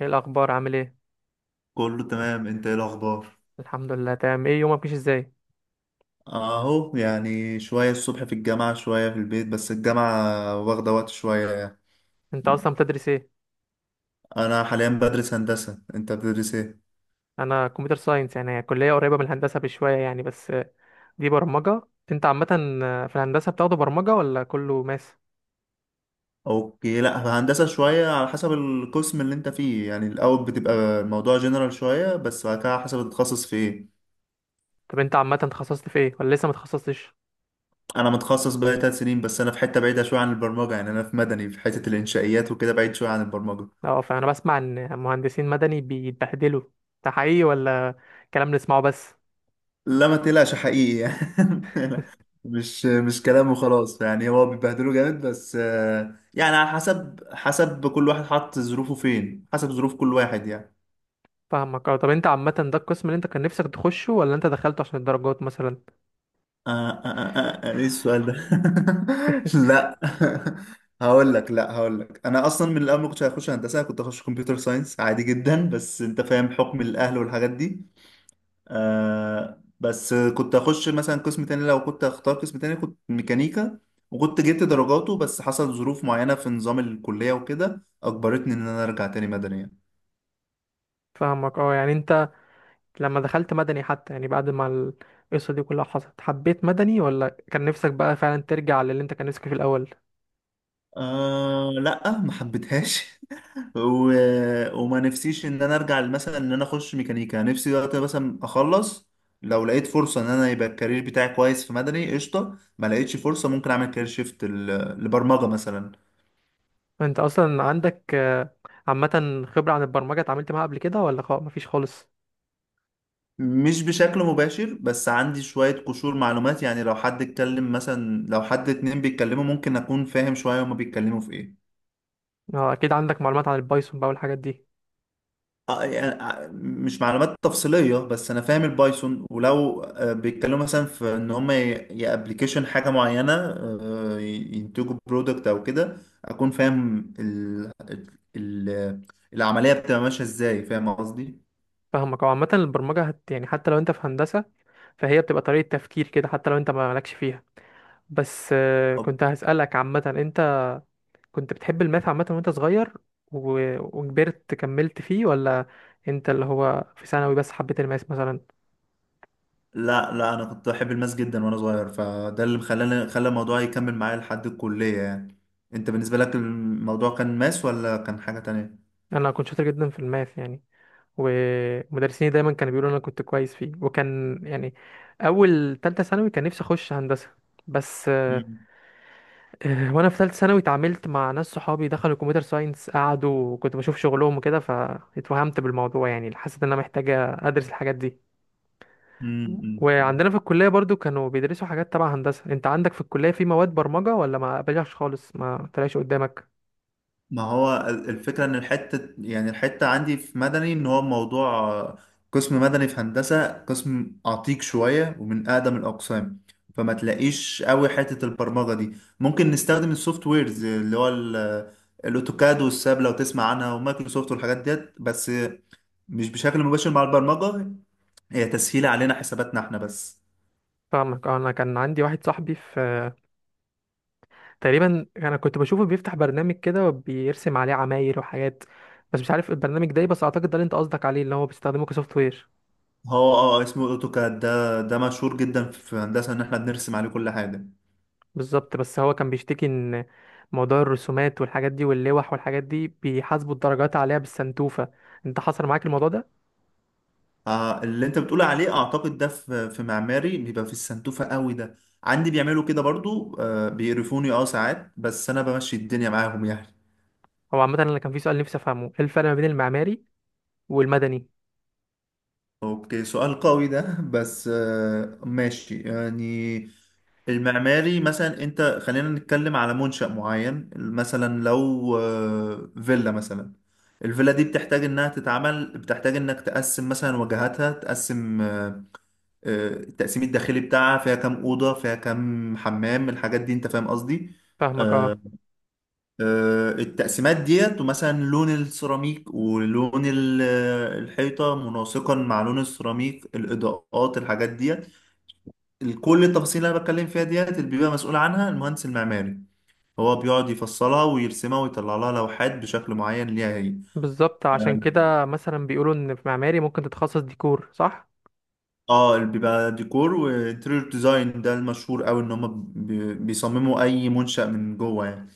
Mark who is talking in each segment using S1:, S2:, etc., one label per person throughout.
S1: ايه الاخبار؟ عامل ايه؟
S2: كله تمام، انت ايه الاخبار؟
S1: الحمد لله، تمام. ايه يومك؟ ماشي ازاي؟
S2: اهو، يعني شوية الصبح في الجامعة، شوية في البيت، بس الجامعة واخدة وقت شوية يعني.
S1: انت اصلا بتدرس ايه؟
S2: انا حاليا بدرس هندسة، انت بتدرس ايه؟
S1: انا كمبيوتر ساينس، يعني هي كليه قريبه من الهندسه بشويه يعني، بس دي برمجه. انت عامه في الهندسه بتاخده برمجه ولا كله ماس؟
S2: اوكي، لا، في هندسة شوية على حسب القسم اللي انت فيه. يعني الاول بتبقى موضوع جنرال شوية، بس بعد كده على حسب تتخصص في ايه.
S1: طب انت عامه اتخصصت في ايه ولا لسه ما اتخصصتش؟
S2: انا متخصص بقالي 3 سنين، بس انا في حتة بعيدة شوية عن البرمجة. يعني انا في مدني، في حتة الانشائيات وكده، بعيد شوية عن البرمجة.
S1: اه، فانا بسمع ان مهندسين مدني بيتبهدلوا. ده حقيقي ولا كلام نسمعه بس؟
S2: لا، ما تقلقش، حقيقي يعني. مش كلام وخلاص، يعني هو بيبهدله جامد، بس يعني على حسب كل واحد حط ظروفه فين، حسب ظروف كل واحد يعني.
S1: فاهمك، اه. طب انت عامه ده القسم اللي انت كان نفسك تخشه ولا انت دخلته عشان الدرجات مثلا؟
S2: ايه السؤال ده؟ لا. هقول لك، لا، هقول لك انا اصلا من الاول ما كنتش هخش هندسه، كنت هخش كمبيوتر ساينس عادي جدا، بس انت فاهم حكم الاهل والحاجات دي. بس كنت اخش مثلا قسم تاني، لو كنت اختار قسم تاني كنت ميكانيكا وكنت جبت درجاته، بس حصل ظروف معينة في نظام الكلية وكده اجبرتني ان انا ارجع تاني مدني.
S1: فاهمك، اه. يعني انت لما دخلت مدني، حتى يعني بعد ما القصة دي كلها حصلت، حبيت مدني ولا كان نفسك بقى فعلا ترجع للي انت كان نفسك في الأول؟
S2: لا، ما حبيتهاش. و... وما نفسيش ان انا ارجع مثلا ان انا اخش ميكانيكا. نفسي دلوقتي مثلا اخلص. لو لقيت فرصة ان انا يبقى الكارير بتاعي كويس في مدني، قشطة. ما لقيتش فرصة، ممكن اعمل كارير شيفت ل- لبرمجة مثلا.
S1: انت أصلا عندك عامة خبرة عن البرمجة، اتعاملت معاها قبل كده ولا خلاص مفيش خالص؟
S2: مش بشكل مباشر، بس عندي شوية قشور معلومات. يعني لو حد اتكلم مثلا، لو حد اتنين بيتكلموا ممكن أكون فاهم شوية هما بيتكلموا في إيه.
S1: اه، أكيد عندك معلومات عن البايثون بقى والحاجات دي.
S2: يعني مش معلومات تفصيلية، بس أنا فاهم البايثون. ولو بيتكلموا مثلا في إن هما يا ابلكيشن حاجة معينة، ينتجوا برودكت أو كده، أكون فاهم ال- العملية بتبقى ماشية إزاي. فاهم قصدي؟
S1: فاهمك، هو عامة البرمجة، هت يعني، حتى لو انت في هندسة فهي بتبقى طريقة تفكير كده حتى لو انت ما مالكش فيها. بس كنت هسألك عامة، انت كنت بتحب الماث عامة وانت صغير و... وكبرت كملت فيه ولا انت اللي هو في ثانوي بس حبيت الماث مثلا؟
S2: لا لا، انا كنت بحب الماس جدا وانا صغير، فده اللي خلى الموضوع يكمل معايا لحد الكلية يعني. انت بالنسبة لك الموضوع كان ماس ولا كان حاجة تانية؟
S1: انا كنت شاطر جدا في الماث يعني، ومدرسيني دايما كانوا بيقولوا انا كنت كويس فيه، وكان يعني اول تالتة ثانوي كان نفسي اخش هندسة بس
S2: مم.
S1: وانا في ثالثه ثانوي اتعاملت مع ناس صحابي دخلوا كمبيوتر ساينس، قعدوا وكنت بشوف شغلهم وكده فاتوهمت بالموضوع، يعني حسيت ان انا محتاجه ادرس الحاجات دي.
S2: مم. مم.
S1: وعندنا في الكلية برضو كانوا بيدرسوا حاجات تبع هندسة. انت عندك في الكلية في مواد برمجة ولا ما قابلهاش خالص، ما طلعش قدامك؟
S2: ما هو ال- الفكرة إن الحتة، يعني الحتة عندي في مدني إن هو موضوع، قسم مدني في هندسة قسم عتيق شوية ومن أقدم الأقسام. فما تلاقيش قوي حتة البرمجة دي. ممكن نستخدم السوفت ويرز اللي هو ال- الأوتوكاد والساب لو تسمع عنها، ومايكروسوفت والحاجات ديت، بس مش بشكل مباشر مع البرمجة. هي تسهيل علينا حساباتنا احنا بس.
S1: فاهمك، اه، انا كان عندي واحد صاحبي في، تقريبا انا كنت بشوفه بيفتح برنامج كده وبيرسم عليه عماير وحاجات. بس مش عارف البرنامج ده ايه، بس اعتقد ده اللي انت قصدك عليه اللي هو بيستخدمه كسوفت وير.
S2: هو اسمه أوتوكاد. ده مشهور جدا في هندسة إن احنا بنرسم عليه كل حاجة.
S1: بالظبط، بس هو كان بيشتكي ان موضوع الرسومات والحاجات دي واللوح والحاجات دي بيحاسبوا الدرجات عليها بالسنتوفة. انت حصل معاك الموضوع ده؟
S2: اللي انت بتقول عليه اعتقد ده في معماري بيبقى في السنتوفة قوي ده. عندي بيعملوا كده برضو، بيقرفوني ساعات، بس انا بمشي الدنيا معاهم يعني.
S1: هو عامة انا كان في سؤال نفسي افهمه، ايه الفرق ما بين المعماري والمدني؟
S2: اوكي، سؤال قوي ده، بس ماشي يعني. المعماري مثلا، انت خلينا نتكلم على منشأ معين. مثلا لو فيلا مثلا. الفيلا دي بتحتاج انها تتعمل، بتحتاج انك تقسم مثلا واجهاتها، تقسم التقسيم الداخلي بتاعها، فيها كام اوضه فيها كام حمام الحاجات دي. انت فاهم قصدي؟
S1: فاهمك، اه.
S2: التقسيمات ديت، ومثلا لون السيراميك ولون ال- الحيطه مناسقا مع لون السيراميك، الاضاءات، الحاجات ديت. كل التفاصيل اللي انا بتكلم فيها ديت اللي بيبقى مسؤول عنها المهندس المعماري، هو بيقعد يفصلها ويرسمها ويطلع لها لوحات بشكل معين ليها هي.
S1: بالظبط، عشان كده مثلا بيقولوا ان في معماري ممكن تتخصص ديكور، صح؟
S2: اه اللي بيبقى ديكور وانتريور ديزاين ده المشهور قوي ان هم بيصمموا اي منشأ من جوه يعني.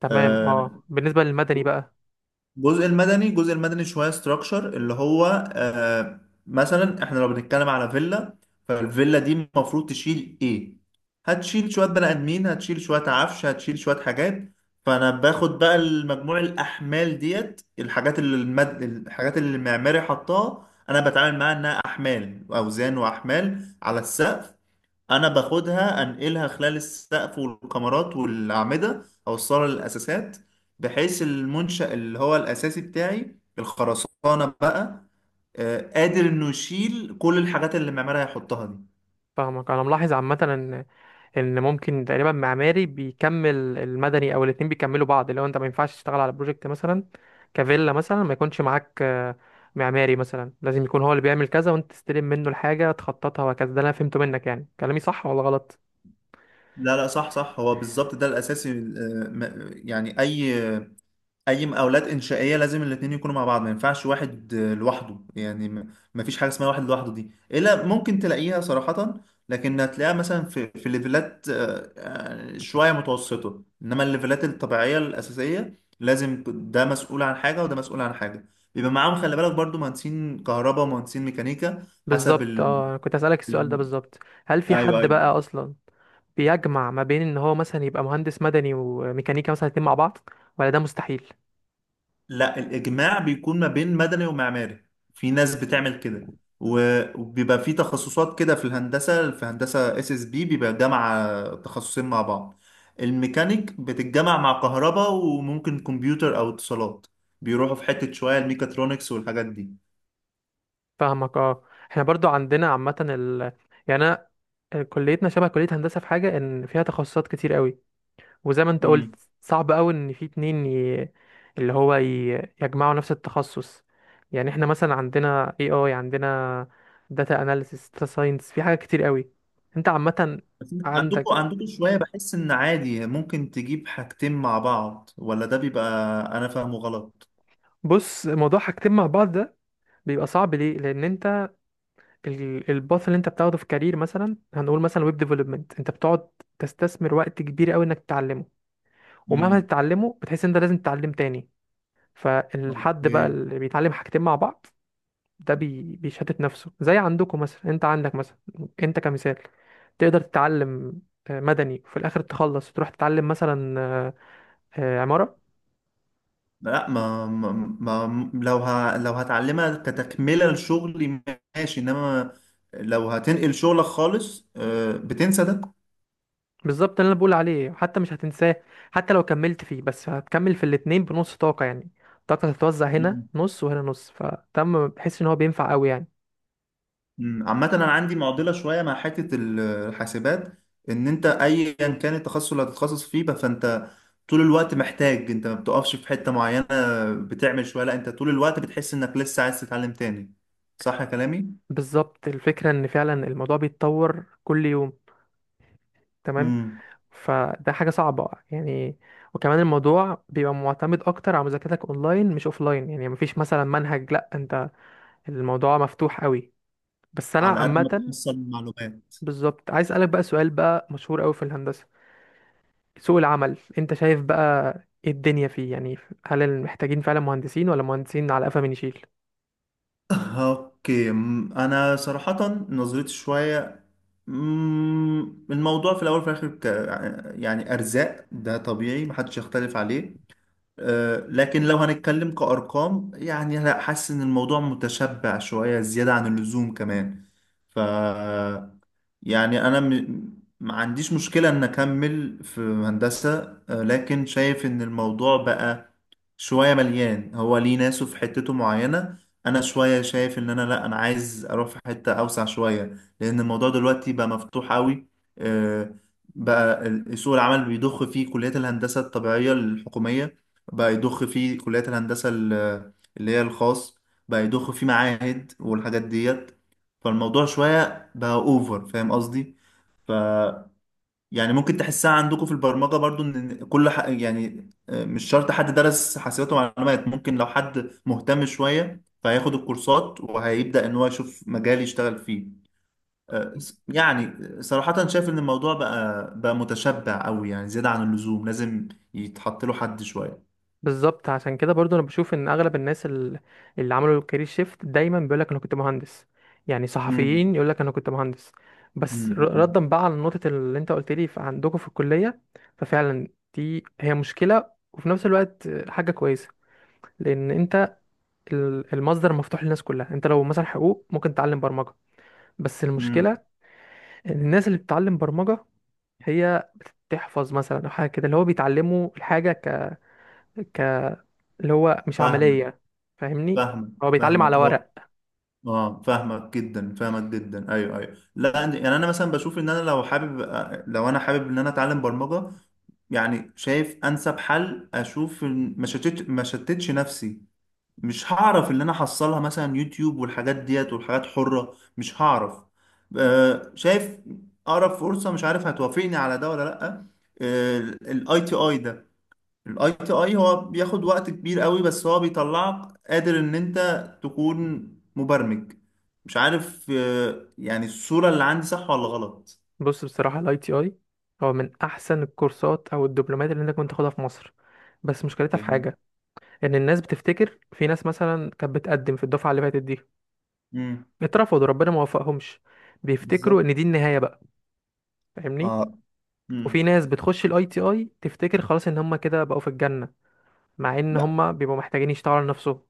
S1: تمام، اه. بالنسبه للمدني بقى؟
S2: الجزء المدني شويه ستراكشر، اللي هو آه مثلا احنا لو بنتكلم على فيلا، فالفيلا دي المفروض تشيل ايه. هتشيل شويه بني ادمين، هتشيل شويه عفش، هتشيل شويه حاجات. فانا باخد بقى المجموع، الاحمال ديت، الحاجات اللي الحاجات اللي المعماري حطها، انا بتعامل معاها انها احمال، اوزان واحمال على السقف. انا باخدها انقلها خلال السقف والكمرات والاعمده اوصلها للاساسات، بحيث المنشأ اللي هو الاساسي بتاعي، الخرسانه بقى، قادر انه يشيل كل الحاجات اللي المعمار هيحطها دي.
S1: فاهمك، انا ملاحظ عامه ان ممكن تقريبا معماري بيكمل المدني، او الاتنين بيكملوا بعض، لو انت ما ينفعش تشتغل على بروجكت مثلا كفيلا مثلا ما يكونش معاك معماري مثلا، لازم يكون هو اللي بيعمل كذا وانت تستلم منه الحاجه تخططها وهكذا. ده اللي انا فهمته منك، يعني كلامي صح ولا غلط؟
S2: لا لا، صح صح، هو بالظبط ده الاساسي. يعني اي مقاولات انشائيه لازم الاتنين يكونوا مع بعض، ما ينفعش واحد لوحده يعني، ما فيش حاجه اسمها واحد لوحده. دي الا ممكن تلاقيها صراحه، لكن هتلاقيها مثلا في ليفلات شويه متوسطه، انما الليفلات الطبيعيه الاساسيه لازم ده مسؤول عن حاجه وده مسؤول عن حاجه. بيبقى معاهم خلي بالك برضو مهندسين كهرباء ومهندسين ميكانيكا حسب
S1: بالظبط، اه. أنا كنت اسالك السؤال ده
S2: ال...
S1: بالظبط، هل في
S2: ايوه
S1: حد
S2: ايوه،
S1: بقى اصلا بيجمع ما بين ان هو مثلا يبقى مهندس مدني وميكانيكا مثلا الاتنين مع بعض ولا ده مستحيل؟
S2: لا، الإجماع بيكون ما بين مدني ومعماري. في ناس بتعمل كده، و- وبيبقى في تخصصات كده في الهندسة. في هندسة اس اس بي بيبقى جامعة تخصصين مع بعض. الميكانيك بتتجمع مع كهرباء، وممكن كمبيوتر أو اتصالات. بيروحوا في حتة شوية الميكاترونكس والحاجات دي.
S1: فاهمك، اه. احنا برضو عندنا عامة يعني انا، كليتنا شبه كلية هندسة في حاجة ان فيها تخصصات كتير قوي. وزي ما انت قلت،
S2: امم
S1: صعب قوي ان في اتنين اللي هو يجمعوا نفس التخصص. يعني احنا مثلا عندنا، اي اي عندنا داتا اناليسيس، داتا ساينس، في حاجات كتير قوي. انت عامة
S2: بس عندكم
S1: عندك،
S2: عندكم شوية بحس إن عادي ممكن تجيب حاجتين مع بعض، ولا ده بيبقى أنا فاهمه غلط؟
S1: بص، موضوع حاجتين مع بعض ده بيبقى صعب ليه، لان انت الباث اللي انت بتاخده في كارير، مثلا هنقول مثلا ويب ديفلوبمنت، انت بتقعد تستثمر وقت كبير قوي انك تتعلمه، ومهما
S2: امم
S1: تتعلمه بتحس ان انت لازم تتعلم تاني. فالحد بقى
S2: اوكي،
S1: اللي بيتعلم حاجتين مع بعض ده بيشتت نفسه. زي عندكم مثلا، انت عندك مثلا، انت كمثال، تقدر تتعلم مدني وفي الاخر تخلص تروح تتعلم مثلا عمارة.
S2: لا، ما لو لو هتعلمها كتكملة لشغلي ماشي، انما لو هتنقل شغلك خالص، بتنسى ده.
S1: بالظبط، اللي انا بقول عليه حتى مش هتنساه، حتى لو كملت فيه، بس هتكمل في الاتنين بنص طاقة يعني. طاقتك هتتوزع هنا
S2: مم.
S1: نص وهنا نص، فتم بحس ان هو بينفع قوي يعني.
S2: مم. عامة انا عندي معضلة شوية مع حتة ال- الحاسبات. ان انت ايا كان التخصص اللي هتتخصص فيه بقى فانت طول الوقت محتاج. انت ما بتقفش في حتة معينة بتعمل شوية، لا، انت طول الوقت بتحس انك لسه عايز تتعلم تاني. صح يا كلامي؟
S1: بالظبط، الفكرة ان فعلا الموضوع بيتطور كل يوم، تمام.
S2: مم.
S1: فده حاجة صعبة يعني، وكمان الموضوع بيبقى معتمد اكتر على مذاكرتك اونلاين مش اوفلاين، يعني مفيش مثلا منهج، لا انت الموضوع مفتوح قوي. بس انا
S2: على قد ما
S1: عامة،
S2: تحصل المعلومات.
S1: بالظبط، عايز اسألك بقى سؤال بقى مشهور قوي في الهندسة، سوق العمل انت شايف بقى ايه الدنيا فيه يعني؟ هل محتاجين فعلا مهندسين ولا مهندسين على قفا من يشيل؟
S2: اوكي. انا صراحة نظرتي شوية، أم، الموضوع في الاول وفي الاخر يعني ارزاق ده طبيعي محدش يختلف عليه. لكن لو هنتكلم كأرقام يعني، لا، حاسس ان الموضوع متشبع شوية زيادة عن اللزوم كمان. ف يعني انا ما عنديش مشكلة ان اكمل في هندسة. لكن شايف ان الموضوع بقى شوية مليان، هو ليه ناسه في حتته معينة. أنا شوية شايف إن أنا لأ، أنا عايز أروح في حتة أوسع شوية، لأن الموضوع دلوقتي بقى مفتوح أوي. آه، بقى سوق العمل بيضخ فيه كليات الهندسة الطبيعية الحكومية، بقى يضخ فيه كليات الهندسة اللي هي الخاص، بقى يضخ فيه معاهد والحاجات ديت. فالموضوع شوية بقى أوفر. فاهم قصدي؟ يعني ممكن تحسها عندكم في البرمجة برضو ان كل يعني مش شرط حد درس حاسبات ومعلومات. ممكن لو حد مهتم شوية فهياخد الكورسات وهيبدأ ان هو يشوف مجال يشتغل فيه. يعني صراحة شايف ان الموضوع بقى متشبع قوي، يعني زيادة عن اللزوم لازم يتحط له حد شوية.
S1: بالظبط، عشان كده برضو انا بشوف ان اغلب الناس اللي عملوا الكارير شيفت دايما بيقول لك انا كنت مهندس. يعني
S2: امم
S1: صحفيين يقول لك انا كنت مهندس. بس
S2: امم
S1: ردا بقى على نقطة اللي انت قلت لي عندكم في الكلية، ففعلا دي هي مشكلة وفي نفس الوقت حاجة كويسة، لان انت المصدر مفتوح للناس كلها. انت لو مثلا حقوق، ممكن تتعلم برمجة، بس المشكلة
S2: امم،
S1: ان الناس اللي بتتعلم برمجة هي بتحفظ مثلا، او حاجه كده، اللي هو بيتعلموا الحاجه ك... ك اللي هو مش
S2: فاهمك،
S1: عمليه يعني، فاهمني،
S2: فاهمك،
S1: هو بيتعلم
S2: فاهمك.
S1: على ورق.
S2: اه، فاهمك جدا، فاهمك جدا، ايوه ايوه، لا، يعني انا مثلا بشوف ان انا لو حابب، لو انا حابب ان انا اتعلم برمجه، يعني شايف انسب حل، اشوف ما شتتش نفسي. مش هعرف اللي انا حصلها مثلا يوتيوب والحاجات ديت والحاجات حره، مش هعرف. شايف اقرب فرصه، مش عارف هتوافقني على ده ولا لا. الاي تي اي ده، الاي تي اي هو بياخد وقت كبير قوي، بس هو بيطلعك قادر ان انت تكون مبرمج. مش عارف يعني الصورة اللي عندي صح ولا غلط.
S1: بص بصراحه، الاي تي اي هو من احسن الكورسات او الدبلومات اللي انت كنت تاخدها في مصر. بس مشكلتها في
S2: اوكي.
S1: حاجه، ان الناس بتفتكر، في ناس مثلا كانت بتقدم في الدفعه اللي فاتت دي،
S2: امم.
S1: اترفضوا، ربنا ما وفقهمش، بيفتكروا
S2: بالظبط.
S1: ان دي النهايه بقى، فاهمني.
S2: آه. امم.
S1: وفي ناس بتخش الاي تي اي تفتكر خلاص ان هم كده بقوا في الجنه، مع ان
S2: لا،
S1: هم بيبقوا محتاجين يشتغلوا على نفسهم،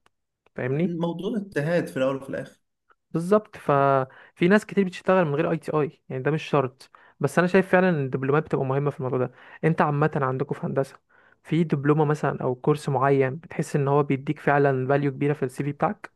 S1: فاهمني.
S2: الموضوع اجتهاد في الاول وفي الاخر.
S1: بالظبط، ففي ناس كتير بتشتغل من غير اي تي اي، يعني ده مش شرط. بس انا شايف فعلا ان الدبلومات بتبقى مهمه في الموضوع ده. انت عامه عندكم في هندسه، في دبلومه مثلا او كورس معين بتحس ان هو بيديك فعلا فاليو كبيره في السي في بتاعك؟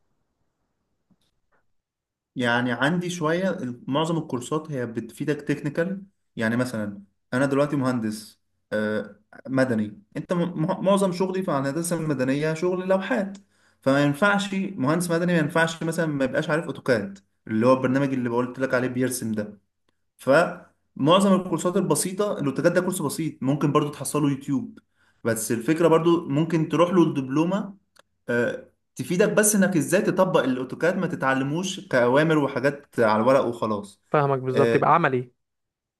S2: يعني عندي شوية معظم الكورسات هي بتفيدك تكنيكال. يعني مثلا، أنا دلوقتي مهندس آه، مدني. معظم شغلي في الهندسة المدنية شغل لوحات. فما ينفعش مهندس مدني، ما ينفعش مثلا ما يبقاش عارف أوتوكاد، اللي هو البرنامج اللي قلت لك عليه بيرسم ده. فمعظم الكورسات البسيطة، الأوتوكاد ده كورس بسيط ممكن برضو تحصله يوتيوب. بس الفكرة برضو ممكن تروح له الدبلومة، آه، تفيدك بس انك ازاي تطبق الاوتوكاد، ما تتعلموش كأوامر وحاجات على الورق وخلاص.
S1: فاهمك، بالظبط،
S2: اه،
S1: يبقى عملي.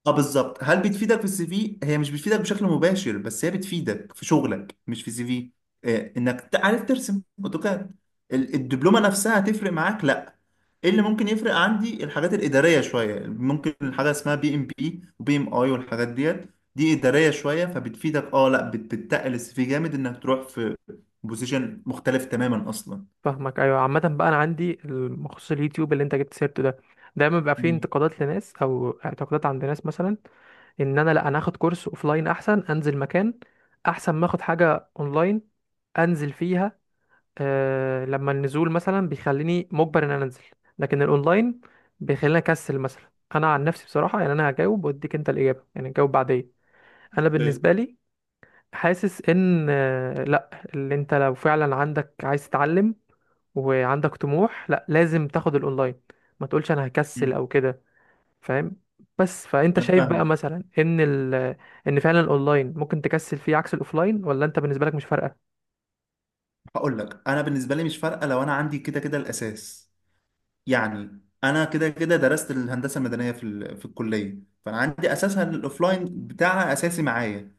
S2: بالظبط. هل بتفيدك في السي في؟ هي مش بتفيدك بشكل مباشر، بس هي بتفيدك في شغلك مش في سي في، انك تعرف ترسم اوتوكاد. ال- الدبلومه نفسها هتفرق معاك؟ لا. ايه اللي ممكن يفرق عندي الحاجات الاداريه شويه، ممكن الحاجه اسمها PMP وبي ام اي والحاجات ديت. دي اداريه شويه، فبتفيدك. اه لا، بتتقل السي في جامد انك تروح في بوزيشن مختلف تماما اصلا.
S1: فاهمك، ايوه. عامه بقى انا عندي مخصوص اليوتيوب اللي انت جبت سيرته ده، دايما بيبقى فيه
S2: مم.
S1: انتقادات لناس او اعتقادات عند ناس مثلا، ان انا لا، انا اخد كورس اوفلاين احسن، انزل مكان، احسن ما اخد حاجه اونلاين انزل فيها. آه، لما النزول مثلا بيخليني مجبر ان انا انزل، لكن الاونلاين بيخليني اكسل مثلا، انا عن نفسي بصراحه، يعني انا هجاوب واديك انت الاجابه، يعني جاوب بعدين. انا
S2: ده-
S1: بالنسبه لي حاسس ان لا، اللي انت لو فعلا عندك عايز تتعلم وعندك طموح، لا لازم تاخد الاونلاين، ما تقولش انا هكسل
S2: مم.
S1: او كده، فاهم؟ بس فانت
S2: انا
S1: شايف بقى
S2: فاهمك.
S1: مثلا ان ان فعلا الاونلاين ممكن تكسل فيه عكس الاوفلاين، ولا انت بالنسبه لك مش فارقه؟
S2: هقول لك، انا بالنسبه لي مش فارقه لو انا عندي كده كده الاساس، يعني انا كده كده درست الهندسه المدنيه في في الكليه. فانا عندي اساسها، الاوفلاين بتاعها اساسي معايا.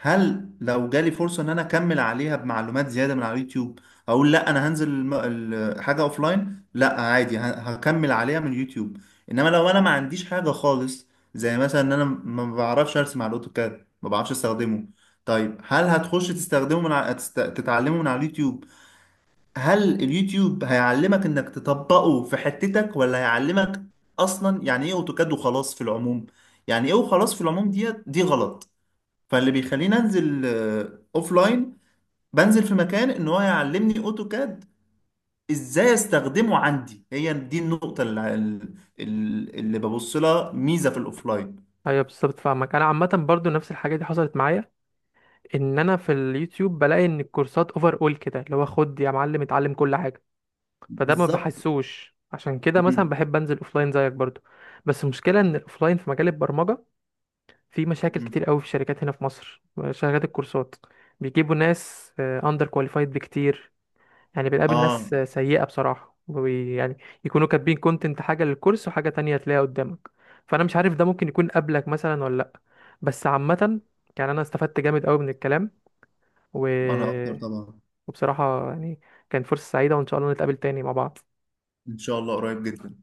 S2: هل لو جالي فرصة ان انا اكمل عليها بمعلومات زيادة من على اليوتيوب اقول لا انا هنزل حاجة اوفلاين؟ لا، عادي ه- هكمل عليها من اليوتيوب. انما لو انا ما عنديش حاجة خالص، زي مثلا ان انا ما بعرفش ارسم على الاوتوكاد، ما بعرفش استخدمه، طيب هل هتخش تستخدمه من على تتعلمه من على اليوتيوب؟ هل اليوتيوب هيعلمك انك تطبقه في حتتك، ولا هيعلمك اصلا يعني ايه اوتوكاد وخلاص في العموم؟ يعني ايه وخلاص في العموم ديت دي غلط. فاللي بيخليني انزل اوف لاين، بنزل في مكان ان هو يعلمني اوتوكاد ازاي استخدمه، عندي هي دي النقطة اللي ببص لها ميزة في الاوفلاين.
S1: ايوه، بالظبط، فاهمك. انا عامه برضو نفس الحاجه دي حصلت معايا، ان انا في اليوتيوب بلاقي ان الكورسات اوفر اول كده، اللي هو خد يا معلم اتعلم كل حاجه، فده ما
S2: بالظبط.
S1: بحسوش. عشان كده مثلا
S2: مم.
S1: بحب انزل اوفلاين زيك برضو. بس المشكله ان الاوفلاين في مجال البرمجه في مشاكل
S2: مم.
S1: كتير قوي في الشركات هنا في مصر. شركات الكورسات بيجيبوا ناس اندر كواليفايد بكتير، يعني بنقابل ناس
S2: اه،
S1: سيئه بصراحه، يعني يكونوا كاتبين كونتنت حاجه للكورس وحاجه تانية تلاقيها قدامك. فانا مش عارف ده ممكن يكون قبلك مثلا ولا لا. بس عامه، يعني انا استفدت جامد قوي من الكلام، و
S2: انا اكتر طبعا.
S1: وبصراحة يعني كانت فرصة سعيدة، وإن شاء الله نتقابل تاني مع بعض.
S2: ان شاء الله قريب جدا.